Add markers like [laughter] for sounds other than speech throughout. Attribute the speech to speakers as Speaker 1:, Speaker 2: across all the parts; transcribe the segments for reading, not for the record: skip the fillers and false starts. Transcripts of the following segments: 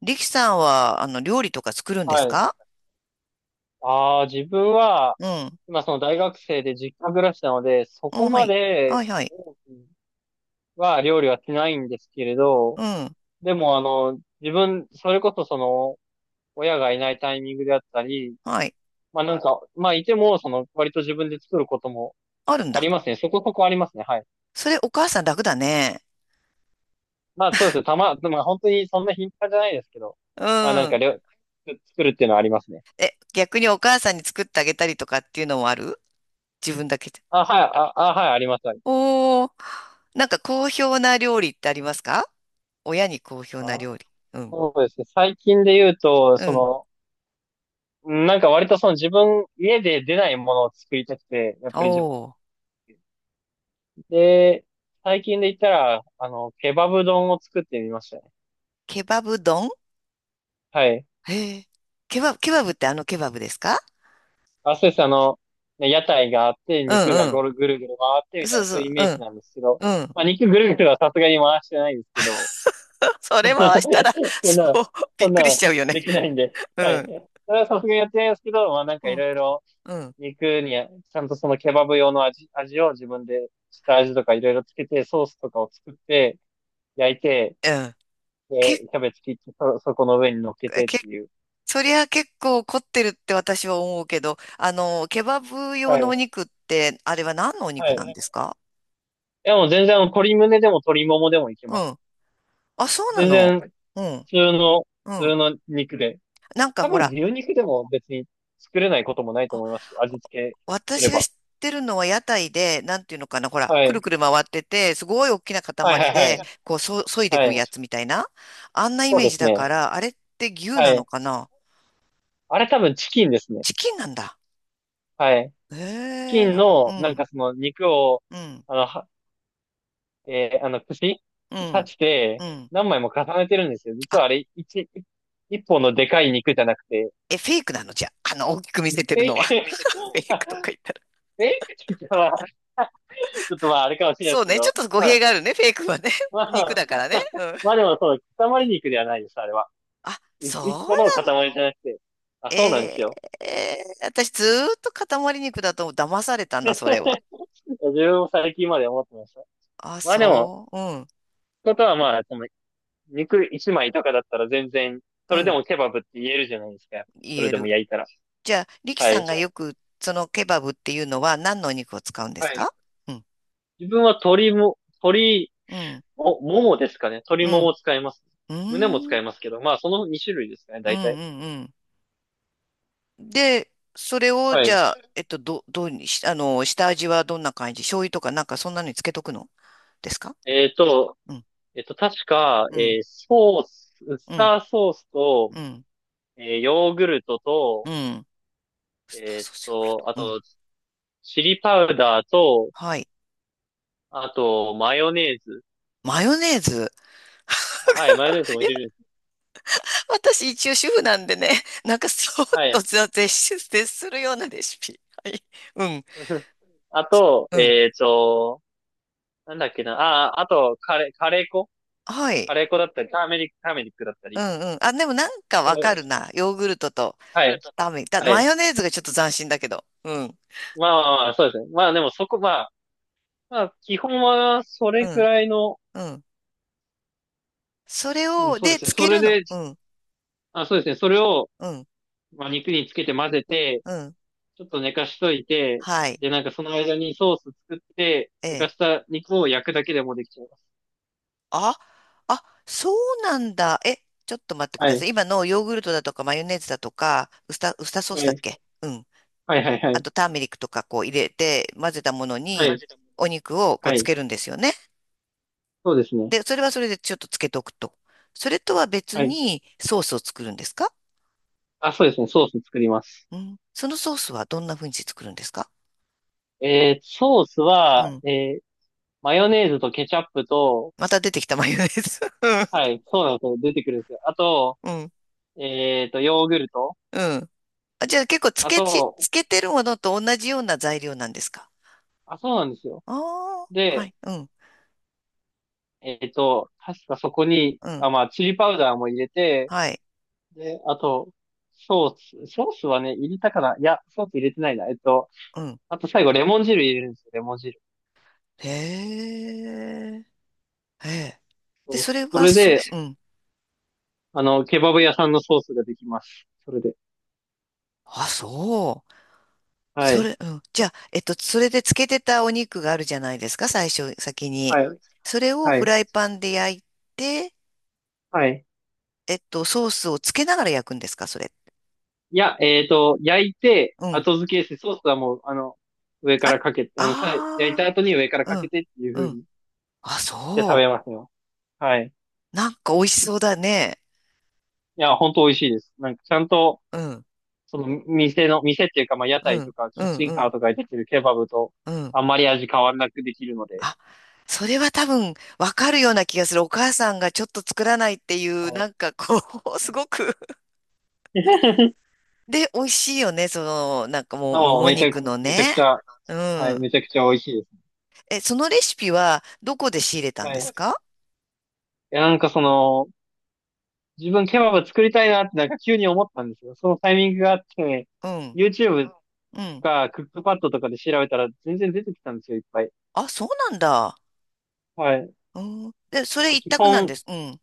Speaker 1: 力さんは、料理とか作るんです
Speaker 2: はい。
Speaker 1: か？
Speaker 2: ああ、自分は、
Speaker 1: うん。
Speaker 2: 今その大学生で実家暮らしなので、そ
Speaker 1: うん、
Speaker 2: こ
Speaker 1: は
Speaker 2: ま
Speaker 1: い。は
Speaker 2: で
Speaker 1: い、はい。
Speaker 2: 多くは料理はしないんですけれど、
Speaker 1: うん、
Speaker 2: でも自分、それこそ親がいないタイミングであったり、
Speaker 1: はい。
Speaker 2: まあいても、割と自分で作ることも
Speaker 1: あるん
Speaker 2: あ
Speaker 1: だ。
Speaker 2: りますね。そこそこありますね。はい。
Speaker 1: それ、お母さん楽だね。
Speaker 2: まあそうですね。まあ本当にそんな頻繁じゃないですけど、
Speaker 1: う
Speaker 2: まあなんか
Speaker 1: ん。
Speaker 2: 料、作るっていうのはありますね。
Speaker 1: え、逆にお母さんに作ってあげたりとかっていうのもある？自分だけで。
Speaker 2: はい、あります。
Speaker 1: おー。なんか好評な料理ってありますか？親に好評な
Speaker 2: あ、
Speaker 1: 料理。うん。
Speaker 2: そうですね。最近で言うと、
Speaker 1: うん。
Speaker 2: なんか割と自分、家で出ないものを作りたくて、やっぱり自分
Speaker 1: おー。
Speaker 2: で、最近で言ったら、ケバブ丼を作ってみましたね。
Speaker 1: ケバブ丼？
Speaker 2: はい。
Speaker 1: へえ。ケバブ、ケバブってケバブですか？
Speaker 2: あ、そうです。屋台があって、
Speaker 1: う
Speaker 2: 肉が
Speaker 1: んうん。
Speaker 2: ぐるぐる回ってみた
Speaker 1: そ
Speaker 2: い
Speaker 1: う
Speaker 2: な、
Speaker 1: そ
Speaker 2: そうい
Speaker 1: う。
Speaker 2: うイ
Speaker 1: う
Speaker 2: メージなんですけど、
Speaker 1: ん。うん。
Speaker 2: まあ肉ぐるぐるはさすがに回してないんですけど、
Speaker 1: [laughs] それ回したら、
Speaker 2: [laughs] そん
Speaker 1: そ
Speaker 2: な、
Speaker 1: う、びっ
Speaker 2: そん
Speaker 1: くり
Speaker 2: な、
Speaker 1: しちゃうよね。
Speaker 2: できないんで。
Speaker 1: う
Speaker 2: はい。
Speaker 1: ん、
Speaker 2: それはさすがにやってないですけど、まあなん
Speaker 1: う
Speaker 2: かい
Speaker 1: ん、
Speaker 2: ろいろ
Speaker 1: うん、
Speaker 2: 肉に、ちゃんとそのケバブ用の味を自分で、下味とかいろいろつけて、ソースとかを作って、焼いて、
Speaker 1: うん。け、
Speaker 2: で、キャベツ切って、そこの上に乗っけてっ
Speaker 1: け、
Speaker 2: ていう。
Speaker 1: そりゃ結構凝ってるって私は思うけど、ケバブ用
Speaker 2: は
Speaker 1: のお
Speaker 2: い。
Speaker 1: 肉って、あれは何のお
Speaker 2: は
Speaker 1: 肉
Speaker 2: い。
Speaker 1: なん
Speaker 2: い
Speaker 1: ですか？
Speaker 2: や、もう全然、鶏胸でも鶏ももでもいけ
Speaker 1: う
Speaker 2: ます。
Speaker 1: ん。あ、そうな
Speaker 2: 全
Speaker 1: の。
Speaker 2: 然、
Speaker 1: うん、
Speaker 2: 通の、
Speaker 1: う
Speaker 2: 普通
Speaker 1: ん。
Speaker 2: の肉で。
Speaker 1: なんか
Speaker 2: 多
Speaker 1: ほ
Speaker 2: 分、
Speaker 1: ら、
Speaker 2: 牛肉でも別に作れないこともないと
Speaker 1: あ、
Speaker 2: 思いますし、味付けす
Speaker 1: 私
Speaker 2: れ
Speaker 1: が
Speaker 2: ば。
Speaker 1: 知ってるのは屋台で、なんていうのかな、ほら、
Speaker 2: は
Speaker 1: くる
Speaker 2: い。
Speaker 1: くる回ってて、すごい大きな
Speaker 2: はいは
Speaker 1: 塊
Speaker 2: いは
Speaker 1: で、こう、そ、削いでいく
Speaker 2: い。はい。
Speaker 1: やつみたいな。あんなイ
Speaker 2: そう
Speaker 1: メー
Speaker 2: で
Speaker 1: ジ
Speaker 2: す
Speaker 1: だか
Speaker 2: ね。
Speaker 1: ら、あれって牛
Speaker 2: は
Speaker 1: なの
Speaker 2: い。
Speaker 1: かな？
Speaker 2: あれ多分チキンですね。
Speaker 1: チキンなんだ。
Speaker 2: はい。
Speaker 1: へ
Speaker 2: チキ
Speaker 1: え、
Speaker 2: ン
Speaker 1: な、う
Speaker 2: の、なん
Speaker 1: ん、
Speaker 2: かその肉を、
Speaker 1: うん、
Speaker 2: あの、はえー串
Speaker 1: う
Speaker 2: 刺
Speaker 1: ん。
Speaker 2: し
Speaker 1: う
Speaker 2: て、
Speaker 1: ん、
Speaker 2: 何枚も重ねてるんですよ。
Speaker 1: あ、
Speaker 2: 実はあれ、一本のでかい肉じゃなくて、
Speaker 1: え、フェイクなの？じゃあ、大きく見せて
Speaker 2: フェ
Speaker 1: る
Speaker 2: イ
Speaker 1: の
Speaker 2: ク、
Speaker 1: は。[laughs] フェイクとか言ったら。
Speaker 2: フェイクって言ったらちょっとまあ、あれかもしれない
Speaker 1: そ
Speaker 2: です
Speaker 1: う
Speaker 2: け
Speaker 1: ね、ちょっ
Speaker 2: ど、
Speaker 1: と語
Speaker 2: ま
Speaker 1: 弊
Speaker 2: あ、
Speaker 1: があるね、フェイクはね。
Speaker 2: ま
Speaker 1: [laughs] 肉
Speaker 2: あ、
Speaker 1: だからね。
Speaker 2: [laughs]
Speaker 1: うん。
Speaker 2: まあでもそう、塊肉ではないです、あれは。
Speaker 1: あ、
Speaker 2: 一
Speaker 1: そ
Speaker 2: 個の塊じゃなくて。あ、
Speaker 1: う、
Speaker 2: そうなんです
Speaker 1: え
Speaker 2: よ。
Speaker 1: ー、えー私ずーっと塊肉だと騙されたんだ、それは。
Speaker 2: [laughs] 自分も最近まで思ってました。
Speaker 1: あ、
Speaker 2: まあでも、
Speaker 1: そう。うん、
Speaker 2: ことはまあ、その肉一枚とかだったら全然、そ
Speaker 1: う
Speaker 2: れで
Speaker 1: ん、
Speaker 2: もケバブって言えるじゃないですか。
Speaker 1: 言
Speaker 2: それ
Speaker 1: え
Speaker 2: でも
Speaker 1: る。
Speaker 2: 焼いたら。
Speaker 1: じゃあ、リキ
Speaker 2: は
Speaker 1: さ
Speaker 2: い。
Speaker 1: んがよく、そのケバブっていうのは何のお肉を使うんですか？うん、
Speaker 2: 自分は鶏も、鶏
Speaker 1: うん、
Speaker 2: も、ももですかね。鶏
Speaker 1: う
Speaker 2: もも
Speaker 1: ん、
Speaker 2: 使います。
Speaker 1: う
Speaker 2: 胸も
Speaker 1: ん、う
Speaker 2: 使
Speaker 1: ん、
Speaker 2: いますけど、まあ、その2種類ですかね、
Speaker 1: うん、
Speaker 2: 大体。
Speaker 1: うん。で、それを、
Speaker 2: は
Speaker 1: じ
Speaker 2: い。
Speaker 1: ゃあ、ど、どうにし、下味はどんな感じ？醤油とかなんかそんなのにつけとくのですか？
Speaker 2: えっと、
Speaker 1: うん、
Speaker 2: 確か、
Speaker 1: うん、
Speaker 2: ソース、ウス
Speaker 1: うん、
Speaker 2: ターソースと、
Speaker 1: うん、
Speaker 2: ヨーグルト
Speaker 1: う
Speaker 2: と、
Speaker 1: ん。ウスターソース、ヨーグルト。
Speaker 2: あ
Speaker 1: うん。
Speaker 2: と、チリパウダーと、
Speaker 1: はい。
Speaker 2: あと、マヨネーズ。
Speaker 1: マヨネーズ。
Speaker 2: あ、はい、マヨネーズも
Speaker 1: いや、
Speaker 2: 入れるんです。
Speaker 1: 私一応主婦なんでね、[laughs] なんかそっ
Speaker 2: は
Speaker 1: と
Speaker 2: い。
Speaker 1: 絶絶絶するようなレシピ。はい。うん、
Speaker 2: [laughs] あと、
Speaker 1: うん。
Speaker 2: えっと、なんだっけな。ああ、あと、カレー粉
Speaker 1: は
Speaker 2: カ
Speaker 1: い。
Speaker 2: レー粉だったり、ターメリックだった
Speaker 1: う
Speaker 2: り。
Speaker 1: んうん。あ、でもなんかわ
Speaker 2: は
Speaker 1: かるな。ヨーグルトと
Speaker 2: い。
Speaker 1: ラーメン。だ、
Speaker 2: は
Speaker 1: マ
Speaker 2: い。
Speaker 1: ヨネーズがちょっと斬新だけど。うん。
Speaker 2: そうですね。まあでもそこ、まあ、まあ基本はそ
Speaker 1: う
Speaker 2: れく
Speaker 1: ん。
Speaker 2: らいの、
Speaker 1: うん。それ
Speaker 2: うん
Speaker 1: を、
Speaker 2: そうで
Speaker 1: で、
Speaker 2: すね。
Speaker 1: つ
Speaker 2: そ
Speaker 1: け
Speaker 2: れ
Speaker 1: るの。
Speaker 2: で、
Speaker 1: うん。
Speaker 2: あ、そうですね。それを、
Speaker 1: うん、
Speaker 2: まあ、肉につけて混ぜて、
Speaker 1: うん。
Speaker 2: ちょっと寝かしといて、
Speaker 1: はい。
Speaker 2: で、なんかその間にソース作って、
Speaker 1: え
Speaker 2: 寝か
Speaker 1: え。
Speaker 2: した肉を焼くだけでもできちゃいます。
Speaker 1: あ、あ、そうなんだ。え、ちょっと待ってく
Speaker 2: は
Speaker 1: ださ
Speaker 2: い。
Speaker 1: い。今のヨーグルトだとかマヨネーズだとか、ウスタ、ウスターソース
Speaker 2: は
Speaker 1: だっ
Speaker 2: い。
Speaker 1: け？うん。
Speaker 2: はいはいは
Speaker 1: あ
Speaker 2: い。
Speaker 1: とターメリックとかこう入れて混ぜたもの
Speaker 2: は
Speaker 1: に
Speaker 2: い。
Speaker 1: お肉をこう
Speaker 2: は
Speaker 1: つ
Speaker 2: い。
Speaker 1: けるんですよね。
Speaker 2: そうですね。
Speaker 1: で、それはそれでちょっとつけとくと。それとは別
Speaker 2: はい。
Speaker 1: にソースを作るんですか？
Speaker 2: あ、そうですね。ソース作ります。
Speaker 1: うん。そのソースはどんな風にして作るんですか？
Speaker 2: ソース
Speaker 1: う
Speaker 2: は、
Speaker 1: ん。
Speaker 2: マヨネーズとケチャップと、
Speaker 1: また出てきたマヨネーズ。
Speaker 2: はい、そうなんですよ。出てくるんですよ。あと、
Speaker 1: [laughs] うん。う
Speaker 2: ヨーグルト。
Speaker 1: ん。あ、じゃあ結構つ
Speaker 2: あ
Speaker 1: けち、
Speaker 2: と、
Speaker 1: つけてるものと同じような材料なんですか？
Speaker 2: あ、そうなんですよ。
Speaker 1: ああ、は
Speaker 2: で、
Speaker 1: い、うん、
Speaker 2: 確かそこに、
Speaker 1: うん、
Speaker 2: あ、まあ、チリパウダーも入れて、
Speaker 1: はい、
Speaker 2: で、あと、ソーソースはね、入れたかな。いや、ソース入れてないな。
Speaker 1: うん。
Speaker 2: あと最後、レモン汁入れるんですよ、レモン汁。
Speaker 1: へえ、へえ。で、そ
Speaker 2: そ
Speaker 1: れ
Speaker 2: うそ
Speaker 1: は、
Speaker 2: れ
Speaker 1: そう、
Speaker 2: で、
Speaker 1: うん。
Speaker 2: ケバブ屋さんのソースができます。それで。
Speaker 1: あ、そう。
Speaker 2: は
Speaker 1: そ
Speaker 2: い。
Speaker 1: れ、うん。じゃあ、それで漬けてたお肉があるじゃないですか、最初、先に。
Speaker 2: はい。
Speaker 1: それを
Speaker 2: は
Speaker 1: フ
Speaker 2: い。
Speaker 1: ライパンで焼いて、
Speaker 2: はい。
Speaker 1: ソースをつけながら焼くんですか、それ。
Speaker 2: いや、焼いて、
Speaker 1: うん。
Speaker 2: 後付けして、ソースはもう、上か
Speaker 1: あ、
Speaker 2: らかけて、焼いた
Speaker 1: ああ、
Speaker 2: 後に上から
Speaker 1: う
Speaker 2: かけ
Speaker 1: ん、
Speaker 2: てっていう風
Speaker 1: うん。
Speaker 2: に、
Speaker 1: あ、
Speaker 2: で食
Speaker 1: そ
Speaker 2: べますよ。はい。
Speaker 1: う。なんか美味しそうだね。
Speaker 2: いや、ほんと美味しいです。なんかちゃんと、
Speaker 1: うん、
Speaker 2: 店っていうか、まあ屋
Speaker 1: う
Speaker 2: 台と
Speaker 1: ん、
Speaker 2: か
Speaker 1: う
Speaker 2: キッ
Speaker 1: ん、
Speaker 2: チ
Speaker 1: う
Speaker 2: ンカー
Speaker 1: ん、
Speaker 2: とかで出てるケバブと
Speaker 1: うん。
Speaker 2: あんまり味変わらなくできるので。
Speaker 1: あ、それは多分わかるような気がする。お母さんがちょっと作らないってい
Speaker 2: は
Speaker 1: う、
Speaker 2: い。
Speaker 1: なんかこう、[laughs] すごく。で、美味しいよね。その、なんかもう、も
Speaker 2: ああ
Speaker 1: も
Speaker 2: めちゃく、
Speaker 1: 肉の
Speaker 2: めちゃく
Speaker 1: ね。
Speaker 2: ちゃ、
Speaker 1: う
Speaker 2: はい、
Speaker 1: ん。
Speaker 2: めちゃくちゃ美味しいです。
Speaker 1: え、そのレシピはどこで仕入れたん
Speaker 2: は
Speaker 1: で
Speaker 2: い。
Speaker 1: す
Speaker 2: い
Speaker 1: か？
Speaker 2: や、なんかその、自分ケバブ作りたいなってなんか急に思ったんですよ。そのタイミングがあって、
Speaker 1: うん。
Speaker 2: YouTube と
Speaker 1: うん。
Speaker 2: かクックパッドとかで調べたら全然出てきたんですよ、いっぱい。
Speaker 1: あ、そうなんだ。
Speaker 2: はい。
Speaker 1: うん。で、そ
Speaker 2: なん
Speaker 1: れ
Speaker 2: か
Speaker 1: 一
Speaker 2: 基
Speaker 1: 択なん
Speaker 2: 本、
Speaker 1: です。うん。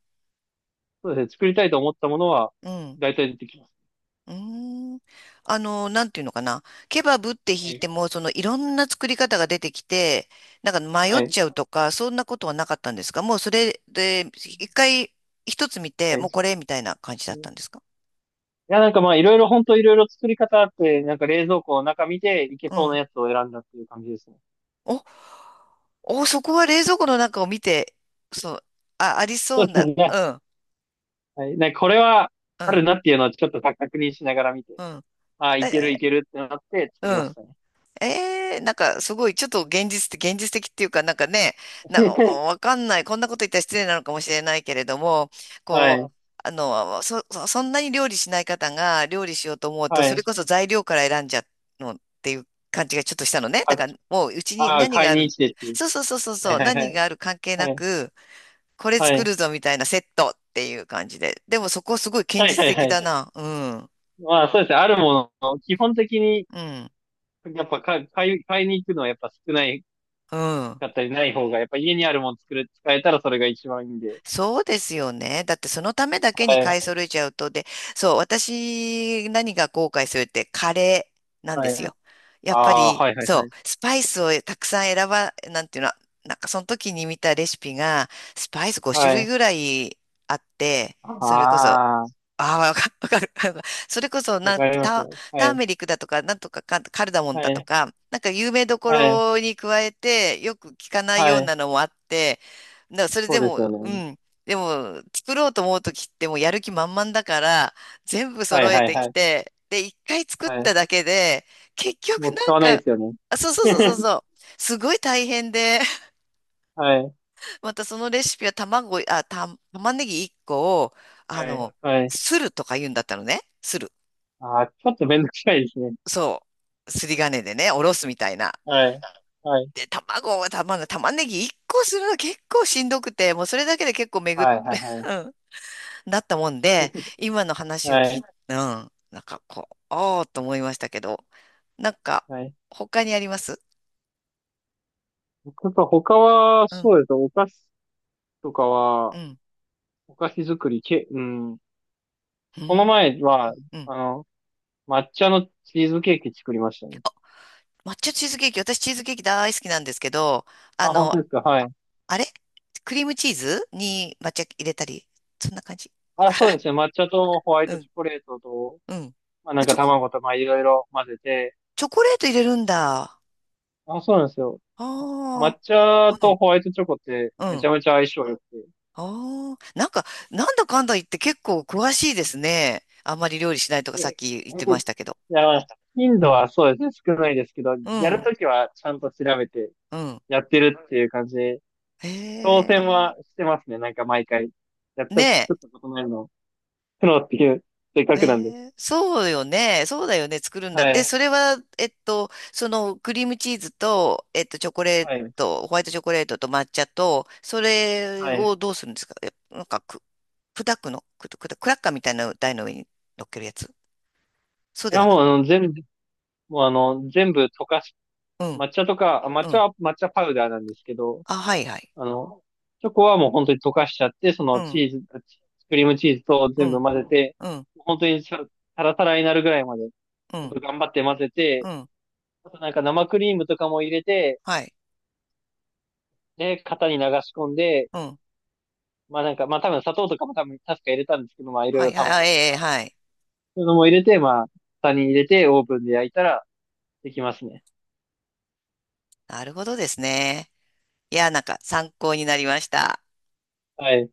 Speaker 2: そうですね、作りたいと思ったものは、
Speaker 1: うん。
Speaker 2: 大体出てきます。
Speaker 1: うーん。なんていうのかな。ケバブって弾
Speaker 2: は
Speaker 1: い
Speaker 2: い。
Speaker 1: ても、そのいろんな作り方が出てきて、なんか迷っ
Speaker 2: はい。
Speaker 1: ちゃうとか、そんなことはなかったんですか？もうそれで、一回一つ見て、もうこ
Speaker 2: は
Speaker 1: れみたいな感じだったんで
Speaker 2: い。
Speaker 1: すか？
Speaker 2: いや、なんかまあ、いろいろ、本当いろいろ作り方あって、なんか冷蔵庫の中見て、いけ
Speaker 1: う
Speaker 2: そうな
Speaker 1: ん。
Speaker 2: やつを選んだっていう感じですね。
Speaker 1: お、お、そこは冷蔵庫の中を見て、そう、あ、ありそ
Speaker 2: そ
Speaker 1: う
Speaker 2: うです
Speaker 1: な、
Speaker 2: ね。
Speaker 1: うん、
Speaker 2: はい。なんかこれは、
Speaker 1: う
Speaker 2: ある
Speaker 1: ん、
Speaker 2: なっていうのはちょっと確認しながら見て、
Speaker 1: うん。
Speaker 2: ああ、いけるい
Speaker 1: え、
Speaker 2: けるってなって作り
Speaker 1: う
Speaker 2: まし
Speaker 1: ん。
Speaker 2: たね。
Speaker 1: ええ、なんかすごい、ちょっと現実的、現実的っていうか、なんかね、なんか
Speaker 2: [laughs]
Speaker 1: わかんない、こんなこと言ったら失礼なのかもしれないけれども、
Speaker 2: は
Speaker 1: こう、
Speaker 2: い。
Speaker 1: そ、そそんなに料理しない方が料理しようと思うと、
Speaker 2: は
Speaker 1: それ
Speaker 2: い。
Speaker 1: こそ材料から選んじゃうのっていう感じがちょっとしたのね。だからもううちに
Speaker 2: ああ、
Speaker 1: 何が
Speaker 2: 買い
Speaker 1: あ
Speaker 2: に
Speaker 1: る、
Speaker 2: 来てっていう。
Speaker 1: そうそうそうそう
Speaker 2: は
Speaker 1: そ
Speaker 2: い
Speaker 1: う、
Speaker 2: はい
Speaker 1: 何
Speaker 2: はい。
Speaker 1: がある関係な
Speaker 2: はい。
Speaker 1: く、これ
Speaker 2: は
Speaker 1: 作
Speaker 2: い。
Speaker 1: るぞみたいなセットっていう感じで。でもそこすごい現
Speaker 2: はい
Speaker 1: 実
Speaker 2: はいは
Speaker 1: 的
Speaker 2: い
Speaker 1: だ
Speaker 2: はい
Speaker 1: な。うん。
Speaker 2: まあそうですね。あるもの、基本的に、
Speaker 1: うん。
Speaker 2: やっぱ買いに行くのはやっぱ少ない
Speaker 1: うん。
Speaker 2: かったりない方が、やっぱ家にあるもの使えたらそれが一番いいんで。
Speaker 1: そうですよね。だってそのためだけ
Speaker 2: は
Speaker 1: に
Speaker 2: い。
Speaker 1: 買い揃えちゃうと、で、そう、私何が後悔するってカレーなんで
Speaker 2: はい。
Speaker 1: すよ。やっぱ
Speaker 2: ああー、
Speaker 1: り、
Speaker 2: はいはいは
Speaker 1: そ
Speaker 2: い。
Speaker 1: う、スパイスをたくさん選ば、なんていうの、なんかその時に見たレシピが、スパイス5種
Speaker 2: は
Speaker 1: 類
Speaker 2: い。
Speaker 1: ぐらいあって、それこそ
Speaker 2: ああ、
Speaker 1: ああ、わか、[laughs] わかる。[laughs] わかる、それこそ、
Speaker 2: わ
Speaker 1: なん
Speaker 2: か
Speaker 1: て、
Speaker 2: ります
Speaker 1: タ、
Speaker 2: よ。は
Speaker 1: ター
Speaker 2: い、
Speaker 1: メリックだとか、なんとかか、カルダモン
Speaker 2: は
Speaker 1: だと
Speaker 2: い、
Speaker 1: か、なんか有名どこ
Speaker 2: はい、
Speaker 1: ろに加えて、よく聞かないよ
Speaker 2: は
Speaker 1: う
Speaker 2: い。
Speaker 1: なのもあって、な、それ
Speaker 2: そ
Speaker 1: で
Speaker 2: うで
Speaker 1: も、
Speaker 2: すよ
Speaker 1: う
Speaker 2: ね。
Speaker 1: ん。でも、作ろうと思うときってもうやる気満々だから、全部
Speaker 2: は
Speaker 1: 揃
Speaker 2: い
Speaker 1: え
Speaker 2: はい
Speaker 1: て
Speaker 2: は
Speaker 1: き
Speaker 2: い。
Speaker 1: て、で、一回作っ
Speaker 2: は
Speaker 1: た
Speaker 2: い。
Speaker 1: だけで、結局
Speaker 2: もう
Speaker 1: な
Speaker 2: 使
Speaker 1: ん
Speaker 2: わない
Speaker 1: か、
Speaker 2: ですよね。
Speaker 1: あ、そうそうそうそう
Speaker 2: [laughs]
Speaker 1: そう、すごい大変で、
Speaker 2: はい、
Speaker 1: またそのレシピは卵、あ、た、玉ねぎ1個を、あ
Speaker 2: は
Speaker 1: の、
Speaker 2: い、はい。
Speaker 1: するとか言うんだったのね。する。
Speaker 2: ああ、ちょっとめんどくさいですね。
Speaker 1: そう。すり金でね、おろすみたいな。
Speaker 2: はい、はい、
Speaker 1: で、卵は玉、玉ねぎ1個するの結構しんどくて、もうそれだけで結構めぐっ、
Speaker 2: はい、はい、
Speaker 1: [laughs]
Speaker 2: は
Speaker 1: う
Speaker 2: い。
Speaker 1: ん、なったもんで、
Speaker 2: [laughs]
Speaker 1: 今の話を
Speaker 2: は
Speaker 1: 聞
Speaker 2: い、
Speaker 1: い、うん、なんかこう、ああと思いましたけど、なんか、
Speaker 2: はい。
Speaker 1: 他にあります？
Speaker 2: 僕は他は、
Speaker 1: うん、
Speaker 2: そうですね。お菓子とかは、
Speaker 1: うん、
Speaker 2: お菓子作りけ、うん。
Speaker 1: う
Speaker 2: この
Speaker 1: ん、
Speaker 2: 前は、
Speaker 1: うん。
Speaker 2: あの、抹茶のチーズケーキ作りましたね。
Speaker 1: 抹茶チーズケーキ、私チーズケーキ大好きなんですけど、あ
Speaker 2: あ、本
Speaker 1: の、
Speaker 2: 当ですか。はい。
Speaker 1: あれクリームチーズに抹茶入れたり、そんな感じ。
Speaker 2: あ、そうですね。
Speaker 1: [laughs]
Speaker 2: 抹茶とホワイ
Speaker 1: う
Speaker 2: ト
Speaker 1: ん、
Speaker 2: チョコレートと、
Speaker 1: うん。
Speaker 2: まあな
Speaker 1: あ、
Speaker 2: んか
Speaker 1: チョコ、
Speaker 2: 卵とまあいろいろ混ぜて。
Speaker 1: チョコレート入れるんだ。あ
Speaker 2: あ、そうなんですよ。抹
Speaker 1: あ、う
Speaker 2: 茶と
Speaker 1: ん、
Speaker 2: ホワイトチョコって
Speaker 1: う
Speaker 2: めち
Speaker 1: ん。
Speaker 2: ゃめちゃ相性良くて。
Speaker 1: ああ、なんか、なんだかんだ言って結構詳しいですね。あんまり料理しないとかさっき言ってましたけど。
Speaker 2: いや、まあ頻度はそうですね。少ないですけど、
Speaker 1: う
Speaker 2: やる
Speaker 1: ん、
Speaker 2: ときはちゃんと調べて
Speaker 1: うん。
Speaker 2: やってるっていう感じで、当
Speaker 1: へ
Speaker 2: 選
Speaker 1: え。
Speaker 2: はしてますね。なんか毎回。やった、
Speaker 1: ねえ。
Speaker 2: 作ったことないの。プロっていう、せっか
Speaker 1: え
Speaker 2: くなんで。
Speaker 1: え、そうよね。そうだよね。作るんだっ
Speaker 2: は
Speaker 1: て。で、
Speaker 2: い。
Speaker 1: それは、そのクリームチーズと、チョコレー
Speaker 2: はい。
Speaker 1: ト、ホワイトチョコレートと抹茶と、それ
Speaker 2: は
Speaker 1: を
Speaker 2: い。
Speaker 1: どうするんですか？え、なんかく、砕くのく、くだ、クラッカーみたいな台の上に乗っけるやつ、そう
Speaker 2: い
Speaker 1: で
Speaker 2: や、
Speaker 1: はな
Speaker 2: も
Speaker 1: く。
Speaker 2: うあの、もうあの、全部溶かし
Speaker 1: うん、
Speaker 2: 抹茶とか、抹
Speaker 1: う
Speaker 2: 茶
Speaker 1: ん。
Speaker 2: は抹茶パウダーなんですけど、
Speaker 1: あ、はいはい。
Speaker 2: あの、チョコはもう本当に溶かしちゃって、そ
Speaker 1: う
Speaker 2: のチ
Speaker 1: ん、
Speaker 2: ーズ、あチクリームチーズと
Speaker 1: う
Speaker 2: 全部
Speaker 1: ん、
Speaker 2: 混ぜて、
Speaker 1: うん、
Speaker 2: 本当にさタラタラになるぐらいまで、
Speaker 1: う
Speaker 2: 本
Speaker 1: ん、
Speaker 2: 当頑張って混ぜ
Speaker 1: う
Speaker 2: て、
Speaker 1: ん。
Speaker 2: あとなんか生クリームとかも入れて、
Speaker 1: はい、
Speaker 2: で、型に流し込んで、
Speaker 1: うん。
Speaker 2: まあなんか、まあ多分砂糖とかも多分確か入れたんですけど、まあいろい
Speaker 1: はい、
Speaker 2: ろ
Speaker 1: はい、あ、
Speaker 2: 卵と
Speaker 1: ええ、
Speaker 2: か、
Speaker 1: はい。
Speaker 2: そういうのも入れて、まあ、型に入れてオーブンで焼いたらできますね。
Speaker 1: なるほどですね。いや、なんか参考になりました。
Speaker 2: はい。